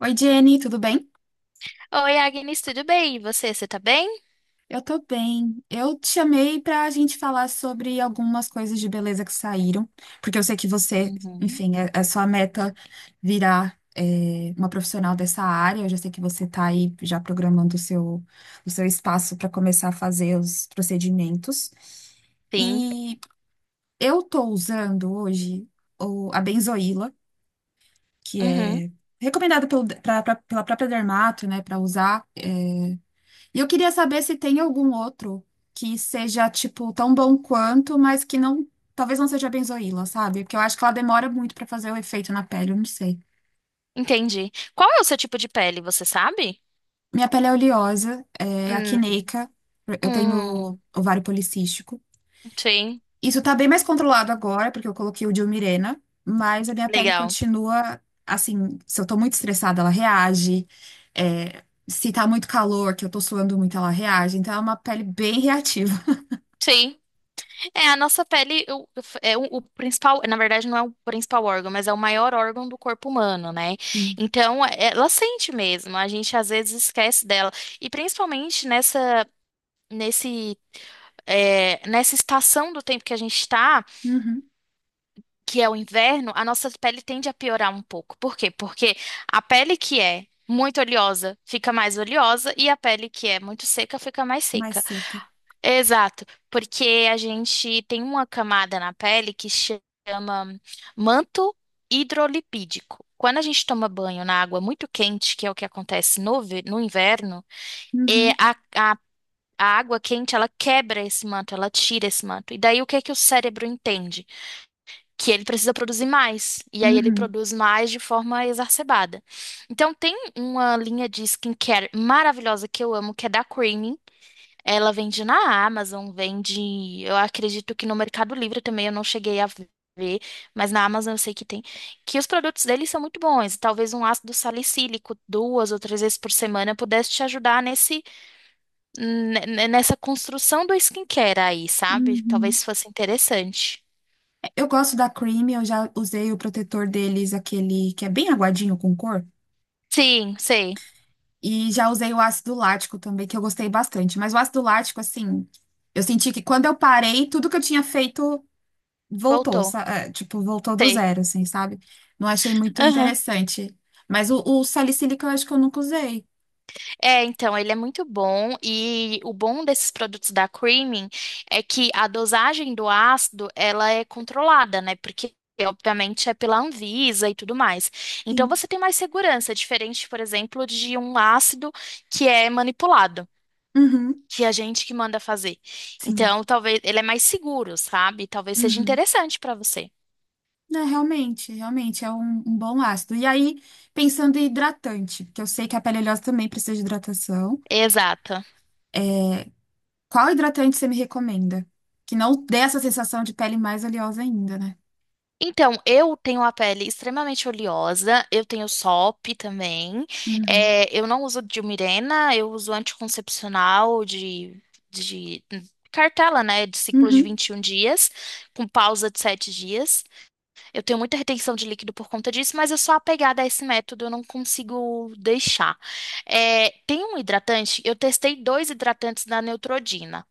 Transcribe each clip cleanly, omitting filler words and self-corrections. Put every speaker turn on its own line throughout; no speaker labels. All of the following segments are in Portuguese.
Oi, Jenny, tudo bem?
Oi, Agnes, tudo bem? E você tá bem?
Eu tô bem. Eu te chamei pra gente falar sobre algumas coisas de beleza que saíram, porque eu sei que você,
Uhum.
enfim, é sua meta virar uma profissional dessa área. Eu já sei que você tá aí já programando o seu espaço para começar a fazer os procedimentos.
Sim.
E eu tô usando hoje a benzoíla, que
Uhum,
é recomendada pela própria dermato, né, para usar. E eu queria saber se tem algum outro que seja, tipo, tão bom quanto, mas que não, talvez não seja benzoíla, sabe? Porque eu acho que ela demora muito pra fazer o efeito na pele, eu não sei.
entendi. Qual é o seu tipo de pele, você sabe?
Minha pele é oleosa, é
Hum,
acneica, eu
hum,
tenho ovário policístico.
sim.
Isso tá bem mais controlado agora, porque eu coloquei o Dilmirena, mas a minha pele
Legal.
continua, assim, se eu tô muito estressada, ela reage. É, se tá muito calor, que eu tô suando muito, ela reage. Então é uma pele bem reativa.
Sim. É, a nossa pele é o principal, na verdade não é o principal órgão, mas é o maior órgão do corpo humano, né?
Sim.
Então, ela sente mesmo, a gente às vezes esquece dela. E principalmente nesse, nessa estação do tempo que a gente tá.
Uhum.
Que é o inverno, a nossa pele tende a piorar um pouco. Por quê? Porque a pele que é muito oleosa fica mais oleosa e a pele que é muito seca fica mais
Mais
seca.
seca.
Exato, porque a gente tem uma camada na pele que chama manto hidrolipídico. Quando a gente toma banho na água muito quente, que é o que acontece no inverno, é
Uhum,
a, a, a água quente ela quebra esse manto, ela tira esse manto. E daí o que é que o cérebro entende? Que ele precisa produzir mais. E aí ele
uhum,
produz mais de forma exacerbada. Então tem uma linha de skincare maravilhosa que eu amo, que é da Creaming. Ela vende na Amazon, vende, eu acredito que no Mercado Livre também eu não cheguei a ver, mas na Amazon eu sei que tem, que os produtos deles são muito bons. Talvez um ácido salicílico duas ou três vezes por semana pudesse te ajudar nesse nessa construção do skincare aí, sabe?
uhum.
Talvez fosse interessante.
Eu gosto da Cream, eu já usei o protetor deles, aquele que é bem aguadinho com cor,
Sim, sei.
e já usei o ácido lático também, que eu gostei bastante. Mas o ácido lático, assim, eu senti que quando eu parei, tudo que eu tinha feito voltou,
Voltou.
tipo, voltou do
Sei.
zero, assim, sabe? Não achei muito
Aham.
interessante. Mas o salicílico eu acho que eu nunca usei.
É, então, ele é muito bom e o bom desses produtos da Creaming é que a dosagem do ácido, ela é controlada, né? Porque obviamente é pela Anvisa e tudo mais. Então
Sim.
você tem mais segurança, diferente, por exemplo, de um ácido que é manipulado.
Uhum,
Que é a gente que manda fazer.
sim.
Então, talvez ele é mais seguro, sabe? Talvez seja
Uhum.
interessante para você.
É, realmente, realmente é um bom ácido. E aí, pensando em hidratante, porque eu sei que a pele oleosa também precisa de hidratação.
Exato.
Qual hidratante você me recomenda? Que não dê essa sensação de pele mais oleosa ainda, né?
Então, eu tenho a pele extremamente oleosa, eu tenho SOP também.
Uhum.
É, eu não uso diumirena, eu uso anticoncepcional de cartela, né? De ciclo de
Uhum.
21 dias, com pausa de 7 dias. Eu tenho muita retenção de líquido por conta disso, mas eu sou apegada a esse método, eu não consigo deixar. É, tem um hidratante, eu testei dois hidratantes da Neutrodina.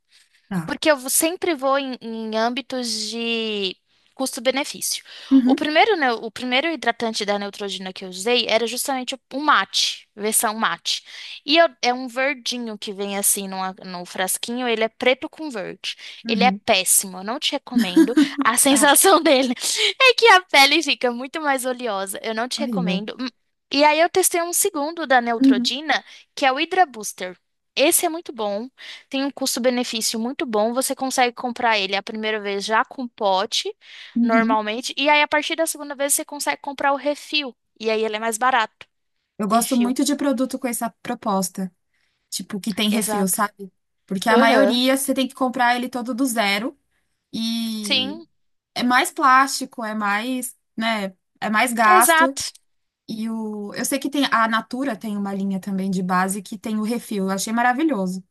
Tá.
Porque eu sempre vou em âmbitos de custo-benefício. O
Uhum.
primeiro, neu- o primeiro hidratante da Neutrogena que eu usei era justamente o mate, versão mate. É um verdinho que vem assim no frasquinho, ele é preto com verde. Ele é
Uhum.
péssimo, eu não te recomendo. A
Tá.
sensação dele é que a pele fica muito mais oleosa, eu não te
Horrível.
recomendo. Hum. E aí eu testei um segundo da
Uhum.
Neutrogena, que é o Hydra Booster. Esse é muito bom. Tem um custo-benefício muito bom, você consegue comprar ele a primeira vez já com pote,
Uhum.
normalmente, e aí a partir da segunda vez você consegue comprar o refil, e aí ele é mais barato.
Eu gosto
Refil,
muito de produto com essa proposta, tipo, que tem refil,
exato.
sabe? Porque a
Aham,
maioria você tem que comprar ele todo do zero. E
sim,
é mais plástico, é mais, né, é mais gasto.
exato.
E eu sei que tem a Natura tem uma linha também de base que tem o refil. Eu achei maravilhoso.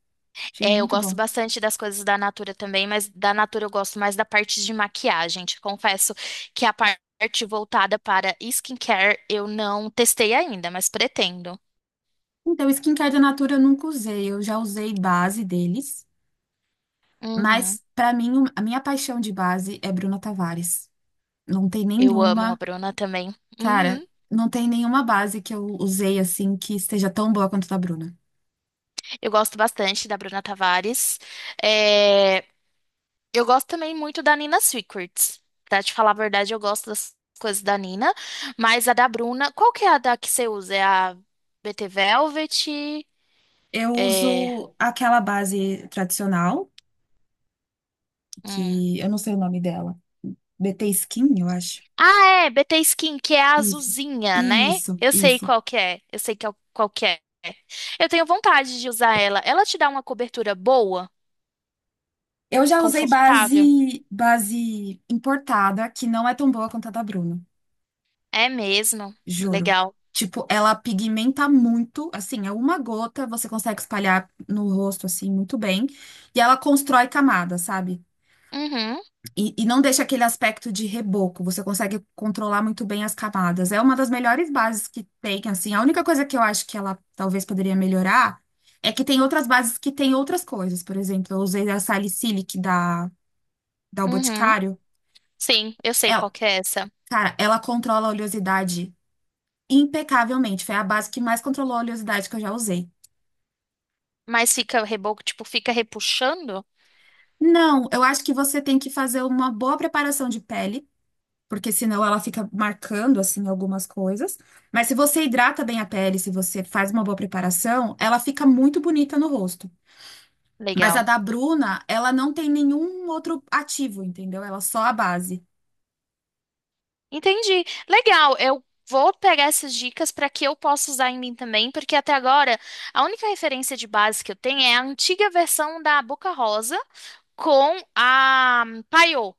Achei
É, eu
muito
gosto
bom.
bastante das coisas da Natura também, mas da Natura eu gosto mais da parte de maquiagem. Te confesso que a parte voltada para skincare eu não testei ainda, mas pretendo.
Então, o skincare da Natura eu nunca usei. Eu já usei base deles,
Uhum.
mas pra mim a minha paixão de base é Bruna Tavares. Não tem
Eu amo a
nenhuma,
Bruna também.
cara,
Uhum.
não tem nenhuma base que eu usei assim que esteja tão boa quanto da Bruna.
Eu gosto bastante da Bruna Tavares. É, eu gosto também muito da Nina Secrets. Pra te falar a verdade, eu gosto das coisas da Nina. Mas a da Bruna. Qual que é a da que você usa? É a BT Velvet?
Eu
É,
uso aquela base tradicional,
hum.
que eu não sei o nome dela. BT Skin, eu acho.
Ah, é, BT Skin, que é a
Isso.
azulzinha, né?
Isso,
Eu sei
isso.
qual que é. Eu sei que é qual que é. Eu tenho vontade de usar ela. Ela te dá uma cobertura boa,
Eu já usei
confortável.
base importada, que não é tão boa quanto a da Bruna,
É mesmo.
juro.
Legal.
Tipo, ela pigmenta muito, assim, é uma gota, você consegue espalhar no rosto assim muito bem, e ela constrói camada, sabe?
Uhum,
E não deixa aquele aspecto de reboco, você consegue controlar muito bem as camadas. É uma das melhores bases que tem, assim. A única coisa que eu acho que ela talvez poderia melhorar é que tem outras bases que tem outras coisas. Por exemplo, eu usei a Salicylic da O
uhum.
Boticário.
Sim, eu sei qual
Ela,
que é essa.
cara, ela controla a oleosidade impecavelmente. Foi a base que mais controlou a oleosidade que eu já usei.
Mas fica reboco, tipo, fica repuxando?
Não, eu acho que você tem que fazer uma boa preparação de pele, porque senão ela fica marcando assim algumas coisas. Mas se você hidrata bem a pele, se você faz uma boa preparação, ela fica muito bonita no rosto. Mas a
Legal.
da Bruna, ela não tem nenhum outro ativo, entendeu? Ela só a base.
Entendi. Legal, eu vou pegar essas dicas para que eu possa usar em mim também, porque até agora a única referência de base que eu tenho é a antiga versão da Boca Rosa com a Paiô.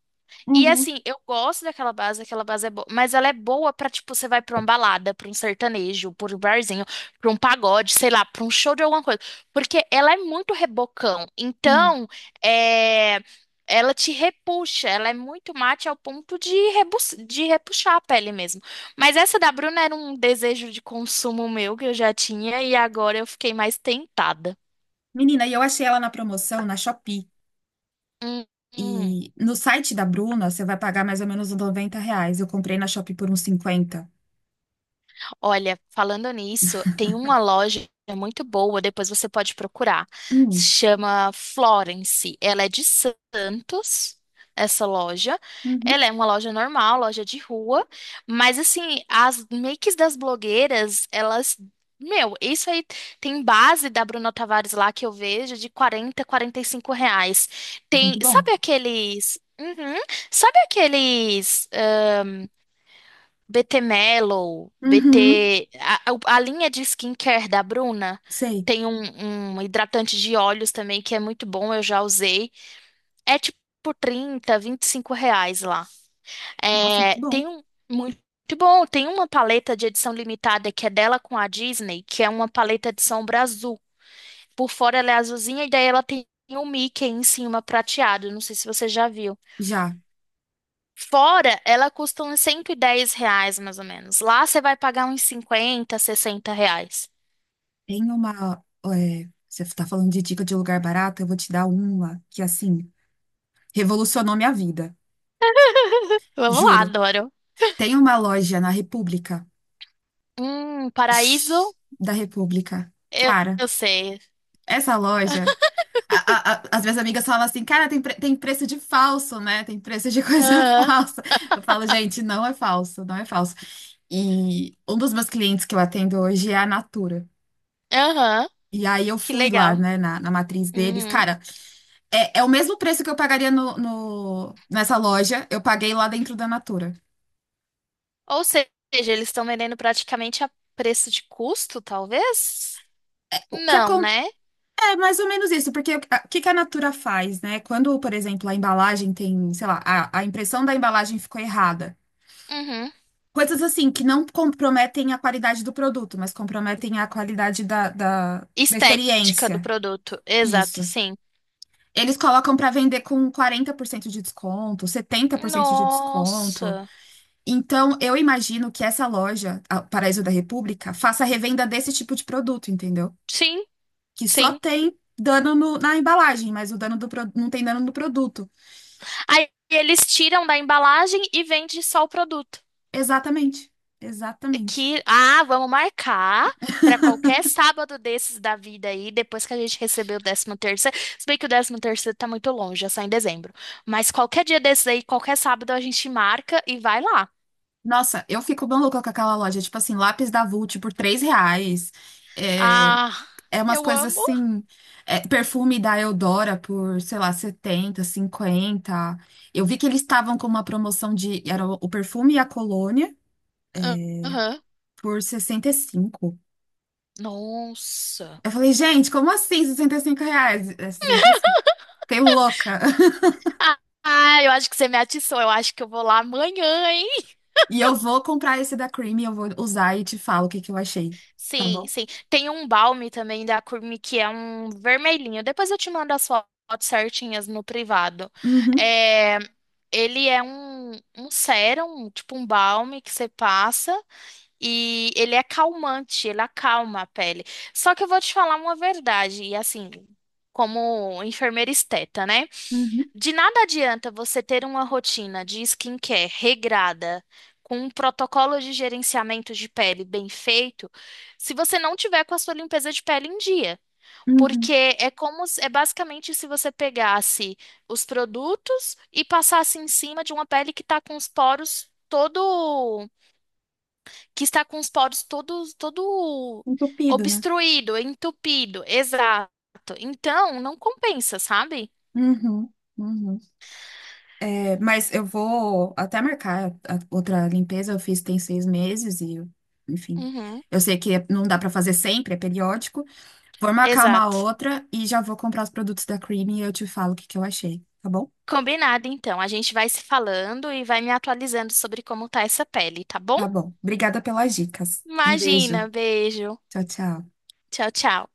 E
Uhum.
assim, eu gosto daquela base, aquela base é boa, mas ela é boa pra, tipo, você vai pra uma balada, pra um sertanejo, pra um barzinho, pra um pagode, sei lá, pra um show de alguma coisa, porque ela é muito rebocão.
Sim.
Então, é, ela te repuxa, ela é muito mate ao ponto de repuxar a pele mesmo. Mas essa da Bruna era um desejo de consumo meu que eu já tinha e agora eu fiquei mais tentada.
Menina, e eu achei ela na promoção na Shopee.
Hum, hum.
E no site da Bruna, você vai pagar mais ou menos uns 90 reais. Eu comprei na Shopee por uns 50.
Olha, falando nisso, tem uma loja muito boa, depois você pode procurar. Se
Hum,
chama Florence. Ela é de Santos, essa loja. Ela
uhum,
é uma loja normal, loja de rua, mas assim, as makes das blogueiras, elas meu, isso aí tem base da Bruna Tavares lá que eu vejo de R$ 40, R$ 45. Tem,
muito bom.
sabe aqueles. Uhum. Sabe aqueles BT Mellow,
Uhum,
BT. A linha de skincare da Bruna
sei.
tem um hidratante de olhos também que é muito bom, eu já usei. É tipo R$ 30, R$ 25 lá.
Nossa,
É,
muito bom.
tem um. Muito bom, tem uma paleta de edição limitada que é dela com a Disney, que é uma paleta de sombra azul. Por fora ela é azulzinha e daí ela tem um Mickey em cima prateado. Não sei se você já viu.
Já.
Fora, ela custa uns R$ 110, mais ou menos. Lá você vai pagar uns R$ 50, R$ 60.
Você está falando de dica de lugar barato, eu vou te dar uma que, assim, revolucionou minha vida.
Vamos lá,
Juro.
adoro.
Tem uma loja na República.
Paraíso,
Shhh, da República.
eu,
Cara,
eu sei.
essa loja. a- As minhas amigas falavam assim, cara, tem preço de falso, né? Tem preço de coisa
Aham,
falsa. Eu falo, gente, não é falso, não é falso. E um dos meus clientes que eu atendo hoje é a Natura.
aham,
E aí eu
que
fui lá,
legal.
né, na matriz deles.
Uhum.
Cara, é o mesmo preço que eu pagaria nessa loja, eu paguei lá dentro da Natura.
Ou seja, eles estão vendendo praticamente a preço de custo, talvez?
O que
Não,
acon-
né?
É, mais ou menos isso, porque o que que a Natura faz, né? Quando, por exemplo, a embalagem tem, sei lá, a impressão da embalagem ficou errada.
Uhum.
Coisas assim que não comprometem a qualidade do produto, mas comprometem a qualidade da
Estética do
experiência.
produto, exato,
Isso.
sim.
Eles colocam para vender com 40% de desconto, 70% de desconto.
Nossa.
Então, eu imagino que essa loja, a Paraíso da República, faça revenda desse tipo de produto, entendeu?
Sim,
Que só
sim.
tem dano na embalagem, mas o dano do, pro- não tem dano no produto.
Aí eles tiram da embalagem e vende só o produto.
Exatamente. Exatamente.
Que, ah, vamos marcar para qualquer sábado desses da vida aí, depois que a gente receber o décimo terceiro. Se bem que o décimo terceiro tá muito longe, é só em dezembro. Mas qualquer dia desses aí, qualquer sábado a gente marca e vai lá.
Nossa, eu fico maluca com aquela loja. Tipo assim, lápis da Vult por 3 reais. É,
Ah,
é umas
eu
coisas
amo.
assim. Perfume da Eudora por, sei lá, 70, 50. Eu vi que eles estavam com uma promoção de, era o perfume e a colônia
Aham.
por 65.
Nossa.
Eu falei, gente, como assim 65 reais? É 65. Fiquei louca.
Ah, ah, eu acho que você me atiçou. Eu acho que eu vou lá amanhã, hein?
E eu vou comprar esse da Creamy, eu vou usar e te falo o que que eu achei, tá
Sim,
bom?
sim. Tem um balme também da Curmi que é um vermelhinho. Depois eu te mando as fotos certinhas no privado.
Uhum,
É, ele é um sérum, tipo um balme que você passa e ele é calmante, ele acalma a pele. Só que eu vou te falar uma verdade, e assim, como enfermeira esteta, né?
uhum,
De nada adianta você ter uma rotina de skincare regrada, com um protocolo de gerenciamento de pele bem feito, se você não tiver com a sua limpeza de pele em dia.
uhum.
Porque é como, é basicamente se você pegasse os produtos e passasse em cima de uma pele que está com os poros todo, que está com os poros todos, todo
Entupido, né?
obstruído, entupido, exato. Então, não compensa, sabe?
Uhum, uhum. É, mas eu vou até marcar a outra limpeza, eu fiz tem 6 meses e, enfim,
Uhum,
eu sei que não dá pra fazer sempre, é periódico. Vou marcar uma
exato.
outra e já vou comprar os produtos da Creamy e eu te falo o que que eu achei, tá bom?
Combinado, então. A gente vai se falando e vai me atualizando sobre como tá essa pele, tá bom?
Tá bom. Obrigada pelas dicas. Um beijo.
Imagina, beijo.
Tchau, tchau.
Tchau, tchau.